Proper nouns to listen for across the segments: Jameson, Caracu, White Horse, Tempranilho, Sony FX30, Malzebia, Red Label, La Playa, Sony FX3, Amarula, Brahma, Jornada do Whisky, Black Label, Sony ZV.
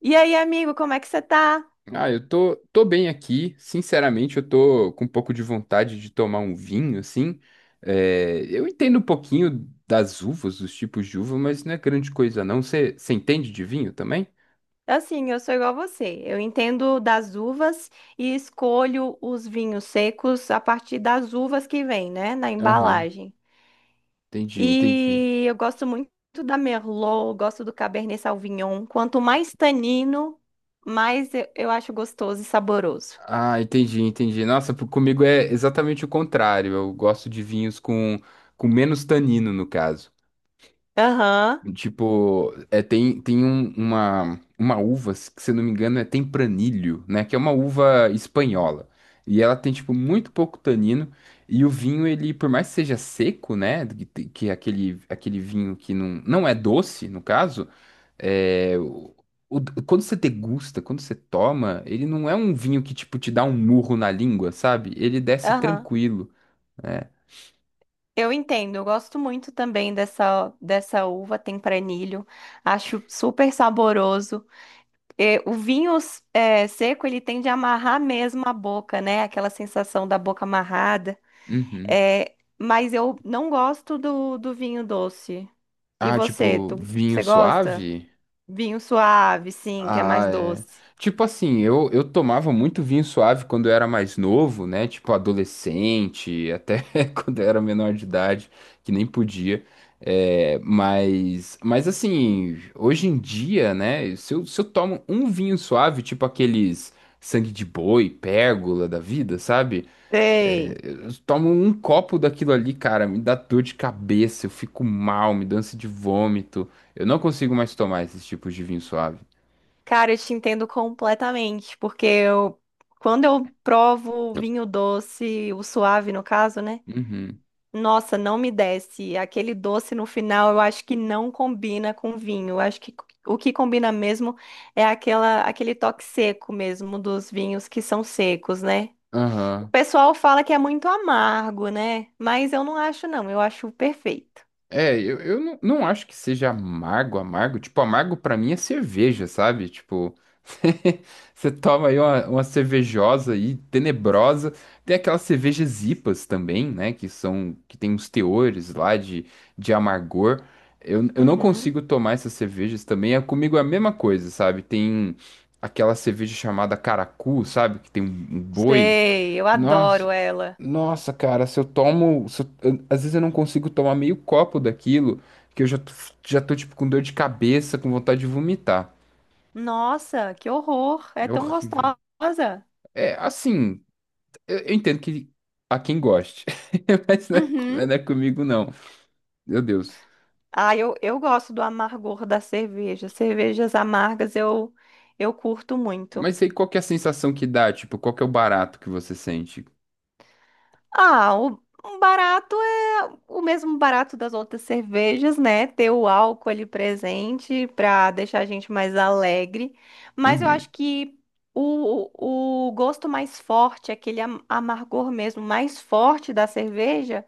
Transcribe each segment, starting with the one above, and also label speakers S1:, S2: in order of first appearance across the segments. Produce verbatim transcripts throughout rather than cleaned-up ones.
S1: E aí, amigo, como é que você tá?
S2: Ah, eu tô, tô bem aqui. Sinceramente, eu tô com um pouco de vontade de tomar um vinho, assim. É, eu entendo um pouquinho das uvas, dos tipos de uva, mas não é grande coisa, não. Você entende de vinho também?
S1: É Assim, eu sou igual a você. Eu entendo das uvas e escolho os vinhos secos a partir das uvas que vem, né, na
S2: Aham,
S1: embalagem.
S2: entendi, entendi.
S1: E eu gosto muito da Merlot, gosto do Cabernet Sauvignon. Quanto mais tanino, mais eu, eu acho gostoso e saboroso.
S2: Ah, entendi, entendi. Nossa, por- comigo é exatamente o contrário. Eu gosto de vinhos com, com menos tanino, no caso.
S1: Aham,
S2: Tipo, é, tem, tem um- uma, uma uva, se se eu não me engano, é tempranilho, né? Que é uma uva espanhola. E ela tem, tipo, muito pouco tanino. E o vinho, ele, por mais que seja seco, né? Que, te- que é aquele, aquele vinho que não, não é doce, no caso, é, o- o- quando você degusta, quando você toma, ele não é um vinho que, tipo, te dá um murro na língua, sabe? Ele desce
S1: aham.
S2: tranquilo, né?
S1: Eu entendo, eu gosto muito também dessa, dessa uva tempranilho. Acho super saboroso. É, o vinho é, seco, ele tende a amarrar mesmo a boca, né? Aquela sensação da boca amarrada.
S2: Uhum.
S1: É, mas eu não gosto do, do vinho doce. E
S2: Ah,
S1: você,
S2: tipo,
S1: tu,
S2: vinho
S1: você gosta?
S2: suave?
S1: Vinho suave, sim, que é mais
S2: Ah, é.
S1: doce.
S2: Tipo assim, eu, eu tomava muito vinho suave quando eu era mais novo, né? Tipo adolescente, até quando eu era menor de idade, que nem podia. É, mas, mas assim, hoje em dia, né? Se eu, se eu tomo um vinho suave, tipo aqueles sangue de boi, pérgola da vida, sabe? É,
S1: Ei,
S2: eu tomo um copo daquilo ali, cara, me dá dor de cabeça, eu fico mal, me dá ânsia de vômito. Eu não consigo mais tomar esses tipos de vinho suave.
S1: cara, eu te entendo completamente, porque eu, quando eu provo vinho doce, o suave no caso, né?
S2: Uhum.
S1: Nossa, não me desce. Aquele doce no final, eu acho que não combina com vinho. Eu acho que o que combina mesmo é aquela, aquele toque seco mesmo dos vinhos que são secos, né? O
S2: Aham.
S1: pessoal fala que é muito amargo, né? Mas eu não acho, não. Eu acho perfeito.
S2: É, eu, eu não, não acho que seja amargo, amargo. Tipo, amargo pra mim é cerveja, sabe? Tipo, você toma aí uma, uma cervejosa aí, tenebrosa. Tem aquelas cervejas IPAs também, né? Que são, que tem uns teores lá de, de amargor. Eu, eu não
S1: Uhum.
S2: consigo tomar essas cervejas também. É comigo é a mesma coisa, sabe? Tem aquela cerveja chamada Caracu, sabe? Que tem um um boi.
S1: Sei, eu
S2: Nossa,
S1: adoro ela.
S2: nossa, cara, se eu tomo, se eu- eu- às vezes eu não consigo tomar meio copo daquilo, que eu já tô, já tô tipo com dor de cabeça, com vontade de vomitar.
S1: Nossa, que horror! É
S2: É
S1: tão
S2: horrível.
S1: gostosa.
S2: É, assim, eu, eu entendo que há quem goste, mas não é, co-
S1: Uhum.
S2: não é comigo não. Meu Deus.
S1: Ah, eu, eu gosto do amargor da cerveja. Cervejas amargas eu, eu curto muito.
S2: Mas aí qual que é a sensação que dá? Tipo, qual que é o barato que você sente?
S1: Ah, o, o barato é o mesmo barato das outras cervejas, né? Ter o álcool ali presente para deixar a gente mais alegre. Mas eu
S2: Uhum,
S1: acho que o, o gosto mais forte, aquele am- amargor mesmo mais forte da cerveja,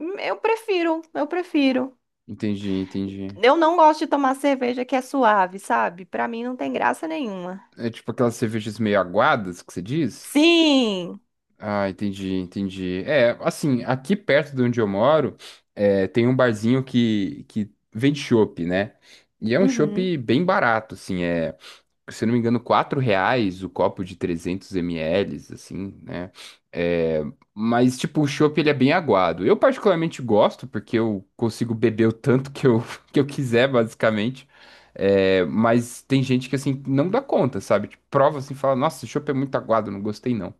S1: hum, eu prefiro, eu prefiro.
S2: entendi, entendi.
S1: Eu não gosto de tomar cerveja que é suave, sabe? Para mim não tem graça nenhuma.
S2: É tipo aquelas cervejas meio aguadas que você diz?
S1: Sim!
S2: Ah, entendi, entendi. É, assim, aqui perto de onde eu moro, é, tem um barzinho que, que vende chopp, né? E é um
S1: Uhum.
S2: chopp bem barato, assim, é, se eu não me engano, quatro reais o copo de trezentos mililitros, assim, né? É, mas, tipo, o chopp, ele é bem aguado. Eu particularmente gosto, porque eu consigo beber o tanto que eu, que eu quiser, basicamente. É, mas tem gente que, assim, não dá conta, sabe? Tipo, prova, assim, fala, nossa, esse chopp é muito aguado, não gostei, não.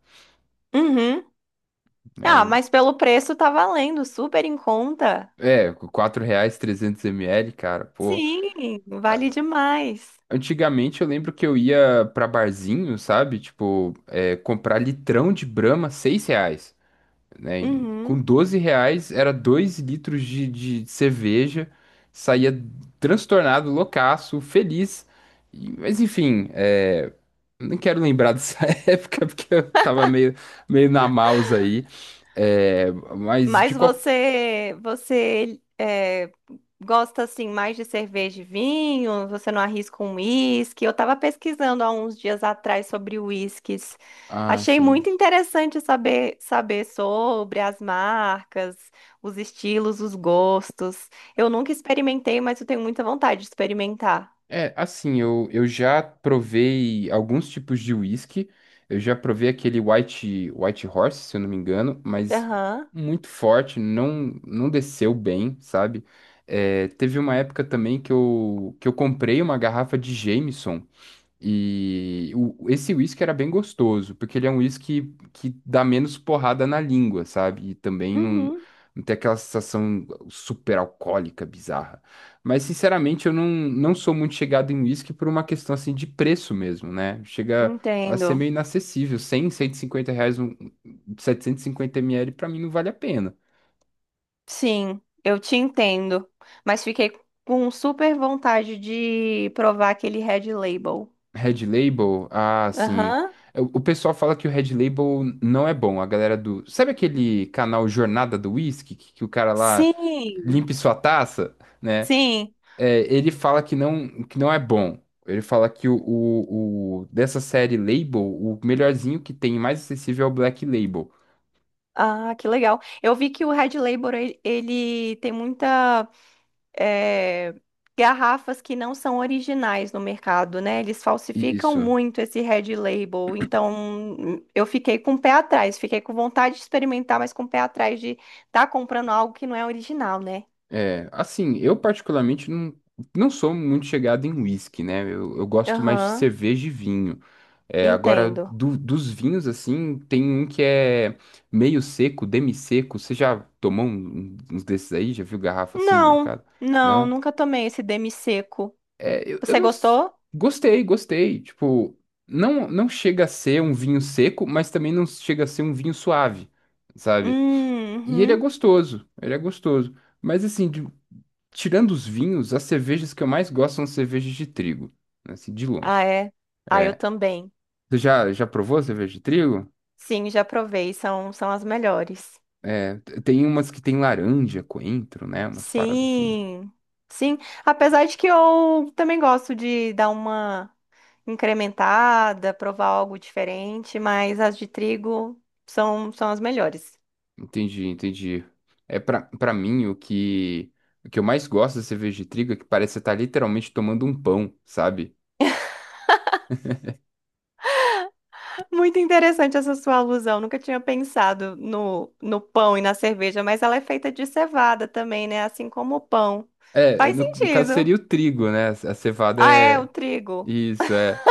S1: Uhum. Ah,
S2: Né?
S1: mas pelo preço tá valendo, super em conta.
S2: É, quatro reais trezentos mililitros, cara, pô.
S1: Sim, vale
S2: a-
S1: demais.
S2: Antigamente eu lembro que eu ia pra barzinho, sabe? Tipo, é, comprar litrão de Brahma, seis reais, né? E com
S1: Uhum.
S2: doze reais era dois litros de, de cerveja, saía transtornado, loucaço, feliz. E- Mas enfim, é, não quero lembrar dessa época porque eu tava meio, meio na mouse aí. É, mas de
S1: Mas
S2: qual.
S1: você, você é, gosta assim mais de cerveja e vinho? Você não arrisca um uísque? Eu estava pesquisando há uns dias atrás sobre uísques.
S2: Ah,
S1: Achei
S2: sim.
S1: muito interessante saber saber sobre as marcas, os estilos, os gostos. Eu nunca experimentei, mas eu tenho muita vontade de experimentar.
S2: É, assim, eu, eu já provei alguns tipos de whisky. Eu já provei aquele White, White Horse, se eu não me engano, mas
S1: Aham.
S2: muito forte, não, não desceu bem, sabe? É, teve uma época também que eu, que eu comprei uma garrafa de Jameson. E o- esse whisky era bem gostoso, porque ele é um whisky que dá menos porrada na língua, sabe? E também não,
S1: Uhum.
S2: não tem aquela sensação super alcoólica, bizarra. Mas, sinceramente, eu não, não sou muito chegado em whisky por uma questão assim de preço mesmo, né? Chega a
S1: Entendo.
S2: ser meio inacessível. Cem, cento e cinquenta reais, um, setecentos e cinquenta ml, pra mim não vale a pena.
S1: Sim, eu te entendo. Mas fiquei com super vontade de provar aquele Red Label.
S2: Red Label? Ah, sim.
S1: Aham.
S2: O o pessoal fala que o Red Label não é bom. A galera do. Sabe aquele canal Jornada do Whisky? Que, que o cara lá
S1: Sim,
S2: limpe sua taça, né?
S1: sim.
S2: É, ele fala que não, que não é bom. Ele fala que o, o, o- dessa série Label, o melhorzinho que tem, mais acessível é o Black Label.
S1: Ah, que legal. Eu vi que o Red Label, ele, ele tem muita eh, garrafas que não são originais no mercado, né? Eles falsificam
S2: Isso.
S1: muito esse Red Label. Então, eu fiquei com o pé atrás. Fiquei com vontade de experimentar, mas com o pé atrás de estar comprando algo que não é original, né?
S2: É, assim, eu particularmente não, não sou muito chegado em whisky, né? Eu, eu gosto mais de
S1: Aham,
S2: cerveja e vinho. É, agora,
S1: entendo.
S2: do- dos vinhos, assim, tem um que é meio seco, demi-seco. Você já tomou um- um, uns desses aí? Já viu garrafa assim no
S1: Não,
S2: mercado?
S1: não,
S2: Não?
S1: nunca tomei esse demi seco.
S2: É, eu, eu
S1: Você
S2: não... s-
S1: gostou?
S2: Gostei, gostei. Tipo, não, não chega a ser um vinho seco, mas também não chega a ser um vinho suave, sabe?
S1: Hum,
S2: E ele é
S1: Uhum.
S2: gostoso, ele é gostoso. Mas, assim, de- tirando os vinhos, as cervejas que eu mais gosto são cervejas de trigo, né, assim, de
S1: Ah,
S2: longe.
S1: é. Ah, eu
S2: É.
S1: também.
S2: Você já, já provou cerveja de trigo?
S1: Sim, já provei, são, são as melhores.
S2: É, t- tem umas que tem laranja, coentro, né? Umas paradas assim.
S1: Sim, sim. Apesar de que eu também gosto de dar uma incrementada, provar algo diferente, mas as de trigo são, são as melhores.
S2: Entendi, entendi. É pra, pra mim o que o que eu mais gosto da cerveja de trigo é que parece que você tá literalmente tomando um pão, sabe?
S1: Muito interessante essa sua alusão. Nunca tinha pensado no, no pão e na cerveja, mas ela é feita de cevada também, né? Assim como o pão.
S2: É,
S1: Faz
S2: no, no caso
S1: sentido.
S2: seria o trigo, né? A cevada
S1: Ah, é, o
S2: é
S1: trigo.
S2: isso, é.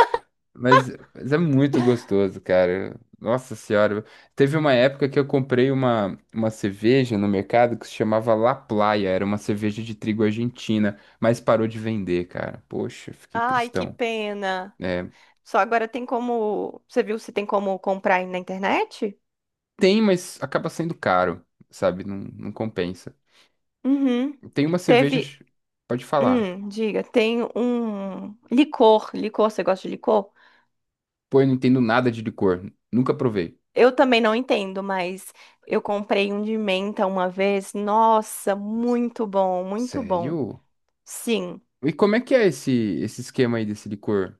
S2: Mas, mas é muito gostoso, cara. Nossa senhora. Teve uma época que eu comprei uma, uma cerveja no mercado que se chamava La Playa. Era uma cerveja de trigo argentina, mas parou de vender, cara. Poxa, fiquei
S1: Ai, que
S2: tristão.
S1: pena.
S2: É,
S1: Só agora tem como. Você viu se tem como comprar aí na internet?
S2: tem, mas acaba sendo caro, sabe? Não, não compensa.
S1: Uhum.
S2: Tem umas
S1: Teve.
S2: cervejas, pode falar.
S1: Hum, diga, tem um licor. Licor, você gosta de licor?
S2: Pô, eu não entendo nada de licor. Nunca provei.
S1: Eu também não entendo, mas eu comprei um de menta uma vez. Nossa, muito bom, muito bom.
S2: Sério?
S1: Sim.
S2: E como é que é esse, esse esquema aí desse licor?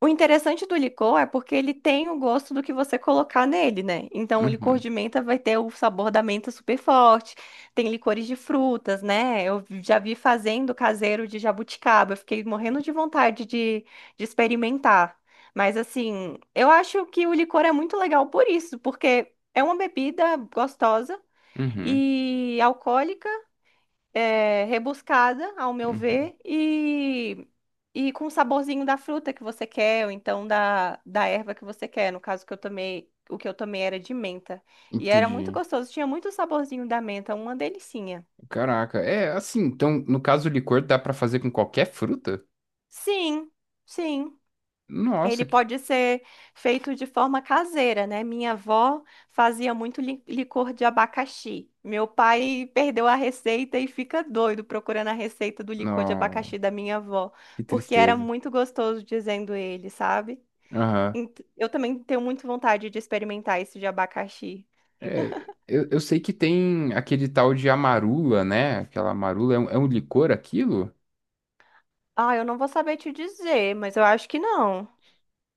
S1: O interessante do licor é porque ele tem o gosto do que você colocar nele, né? Então, o licor
S2: Uhum,
S1: de menta vai ter o sabor da menta super forte. Tem licores de frutas, né? Eu já vi fazendo caseiro de jabuticaba. Eu fiquei morrendo de vontade de, de experimentar. Mas, assim, eu acho que o licor é muito legal por isso, porque é uma bebida gostosa
S2: uhum,
S1: e alcoólica. É, rebuscada, ao meu
S2: uhum.
S1: ver, e, e com o saborzinho da fruta que você quer, ou então da, da erva que você quer. No caso que eu tomei, o que eu tomei era de menta. E era muito
S2: Entendi.
S1: gostoso, tinha muito saborzinho da menta, uma delicinha.
S2: Caraca, é assim, então, no caso, o licor dá pra fazer com qualquer fruta?
S1: Sim, sim.
S2: Nossa,
S1: Ele
S2: que.
S1: pode ser feito de forma caseira, né? Minha avó fazia muito li- licor de abacaxi. Meu pai perdeu a receita e fica doido procurando a receita do licor de
S2: Não,
S1: abacaxi da minha avó,
S2: que
S1: porque era
S2: tristeza.
S1: muito gostoso, dizendo ele, sabe?
S2: Aham.
S1: Ent- Eu também tenho muito vontade de experimentar esse de abacaxi.
S2: É, eu, eu sei que tem aquele tal de amarula, né? Aquela amarula é um, é um licor aquilo?
S1: Ah, eu não vou saber te dizer, mas eu acho que não.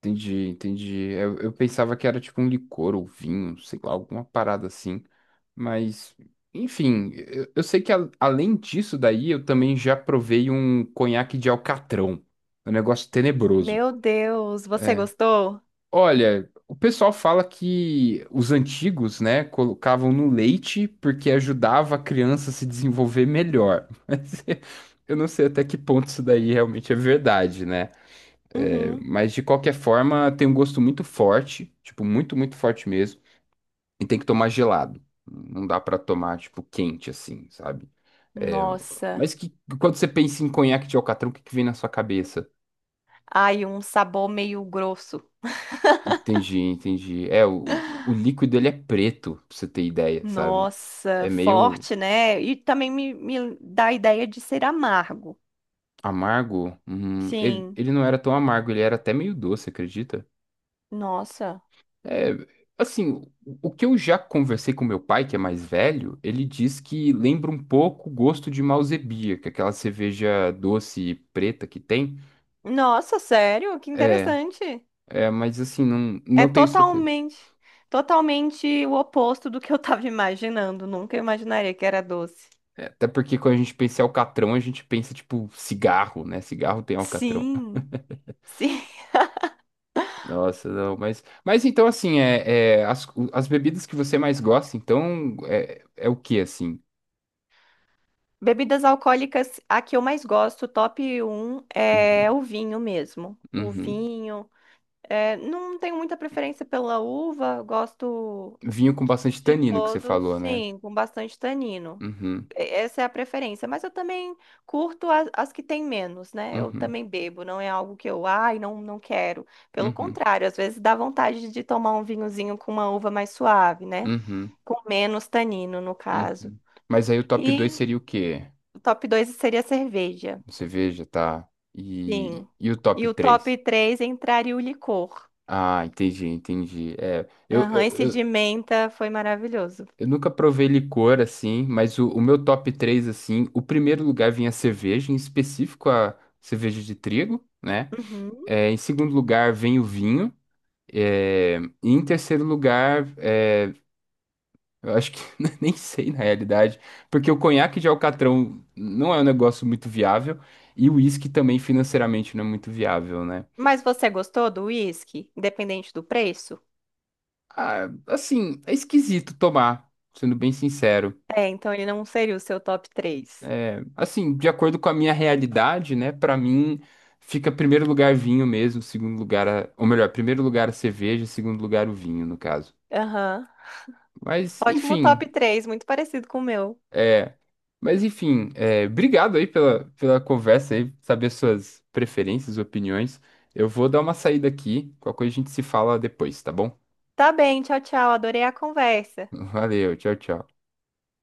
S2: Entendi, entendi. Eu, eu pensava que era tipo um licor ou vinho, sei lá, alguma parada assim. Mas, enfim, eu, eu sei que a- além disso daí, eu também já provei um conhaque de alcatrão. É um negócio tenebroso.
S1: Meu Deus, você
S2: É.
S1: gostou?
S2: Olha, o pessoal fala que os antigos, né, colocavam no leite porque ajudava a criança a se desenvolver melhor. Mas eu não sei até que ponto isso daí realmente é verdade, né? É,
S1: Uhum.
S2: mas de qualquer forma, tem um gosto muito forte, tipo, muito, muito forte mesmo, e tem que tomar gelado. Não dá pra tomar, tipo, quente assim, sabe? É,
S1: Nossa,
S2: mas que quando você pensa em conhaque de alcatrão, o que que vem na sua cabeça?
S1: ai, um sabor meio grosso.
S2: Entendi, entendi. É, o, o líquido ele é preto, pra você ter ideia, sabe? É
S1: Nossa,
S2: meio
S1: forte, né? E também me, me dá a ideia de ser amargo.
S2: amargo. Hum, ele,
S1: Sim,
S2: ele não era tão amargo, ele era até meio doce, acredita?
S1: nossa.
S2: É, assim, o o que eu já conversei com meu pai, que é mais velho, ele diz que lembra um pouco o gosto de Malzebia, que é aquela cerveja doce e preta que tem.
S1: Nossa, sério? Que
S2: É,
S1: interessante.
S2: é, mas assim, não,
S1: É
S2: não tenho certeza.
S1: totalmente, totalmente o oposto do que eu tava imaginando. Nunca imaginaria que era doce.
S2: É, até porque quando a gente pensa em alcatrão, a gente pensa, tipo, cigarro, né? Cigarro tem alcatrão.
S1: Sim, sim.
S2: Nossa, não, mas, mas então assim, é, é, as, o- as bebidas que você mais gosta, então é, é o que assim?
S1: Bebidas alcoólicas, a que eu mais gosto, top um é
S2: Uhum,
S1: o vinho mesmo. O
S2: uhum.
S1: vinho. É, não tenho muita preferência pela uva, gosto.
S2: Vinho com bastante
S1: De
S2: tanino que você
S1: todos,
S2: falou, né?
S1: sim, com bastante tanino.
S2: Uhum,
S1: E- Essa é a preferência, mas eu também curto as, as que têm menos, né? Eu
S2: uhum,
S1: também bebo, não é algo que eu, ai, não, não quero. Pelo
S2: uhum,
S1: contrário, às vezes dá vontade de tomar um vinhozinho com uma uva mais suave, né?
S2: uhum,
S1: Com menos tanino, no caso.
S2: uhum. Mas aí o top dois
S1: E
S2: seria o quê?
S1: o top dois seria a cerveja,
S2: Cerveja, tá?
S1: sim.
S2: E, e o top
S1: E o
S2: três.
S1: top três entraria o licor.
S2: Ah, entendi, entendi. É, eu,
S1: Aham, esse de
S2: eu,
S1: menta foi maravilhoso.
S2: Eu nunca provei licor assim, mas o, o meu top três assim, o primeiro lugar vinha a cerveja, em específico a cerveja de trigo, né?
S1: Uhum.
S2: É, em segundo lugar vem o vinho, é, e em terceiro lugar, é, eu acho que nem sei na realidade, porque o conhaque de Alcatrão não é um negócio muito viável e o uísque também financeiramente não é muito viável, né?
S1: Mas você gostou do whisky, independente do preço?
S2: Ah, assim, é esquisito tomar, sendo bem sincero.
S1: É, então ele não seria o seu top três.
S2: É, assim, de acordo com a minha realidade, né? Pra mim, fica primeiro lugar vinho mesmo, segundo lugar, a- ou melhor, primeiro lugar a cerveja, segundo lugar o vinho, no caso.
S1: Aham.
S2: Mas,
S1: Ótimo
S2: enfim,
S1: top três, muito parecido com o meu.
S2: é, mas enfim, é, obrigado aí pela, pela conversa aí, saber suas preferências, opiniões. Eu vou dar uma saída aqui, qualquer coisa a gente se fala depois, tá bom?
S1: Tá bem, tchau, tchau. Adorei a conversa.
S2: Valeu, tchau, tchau.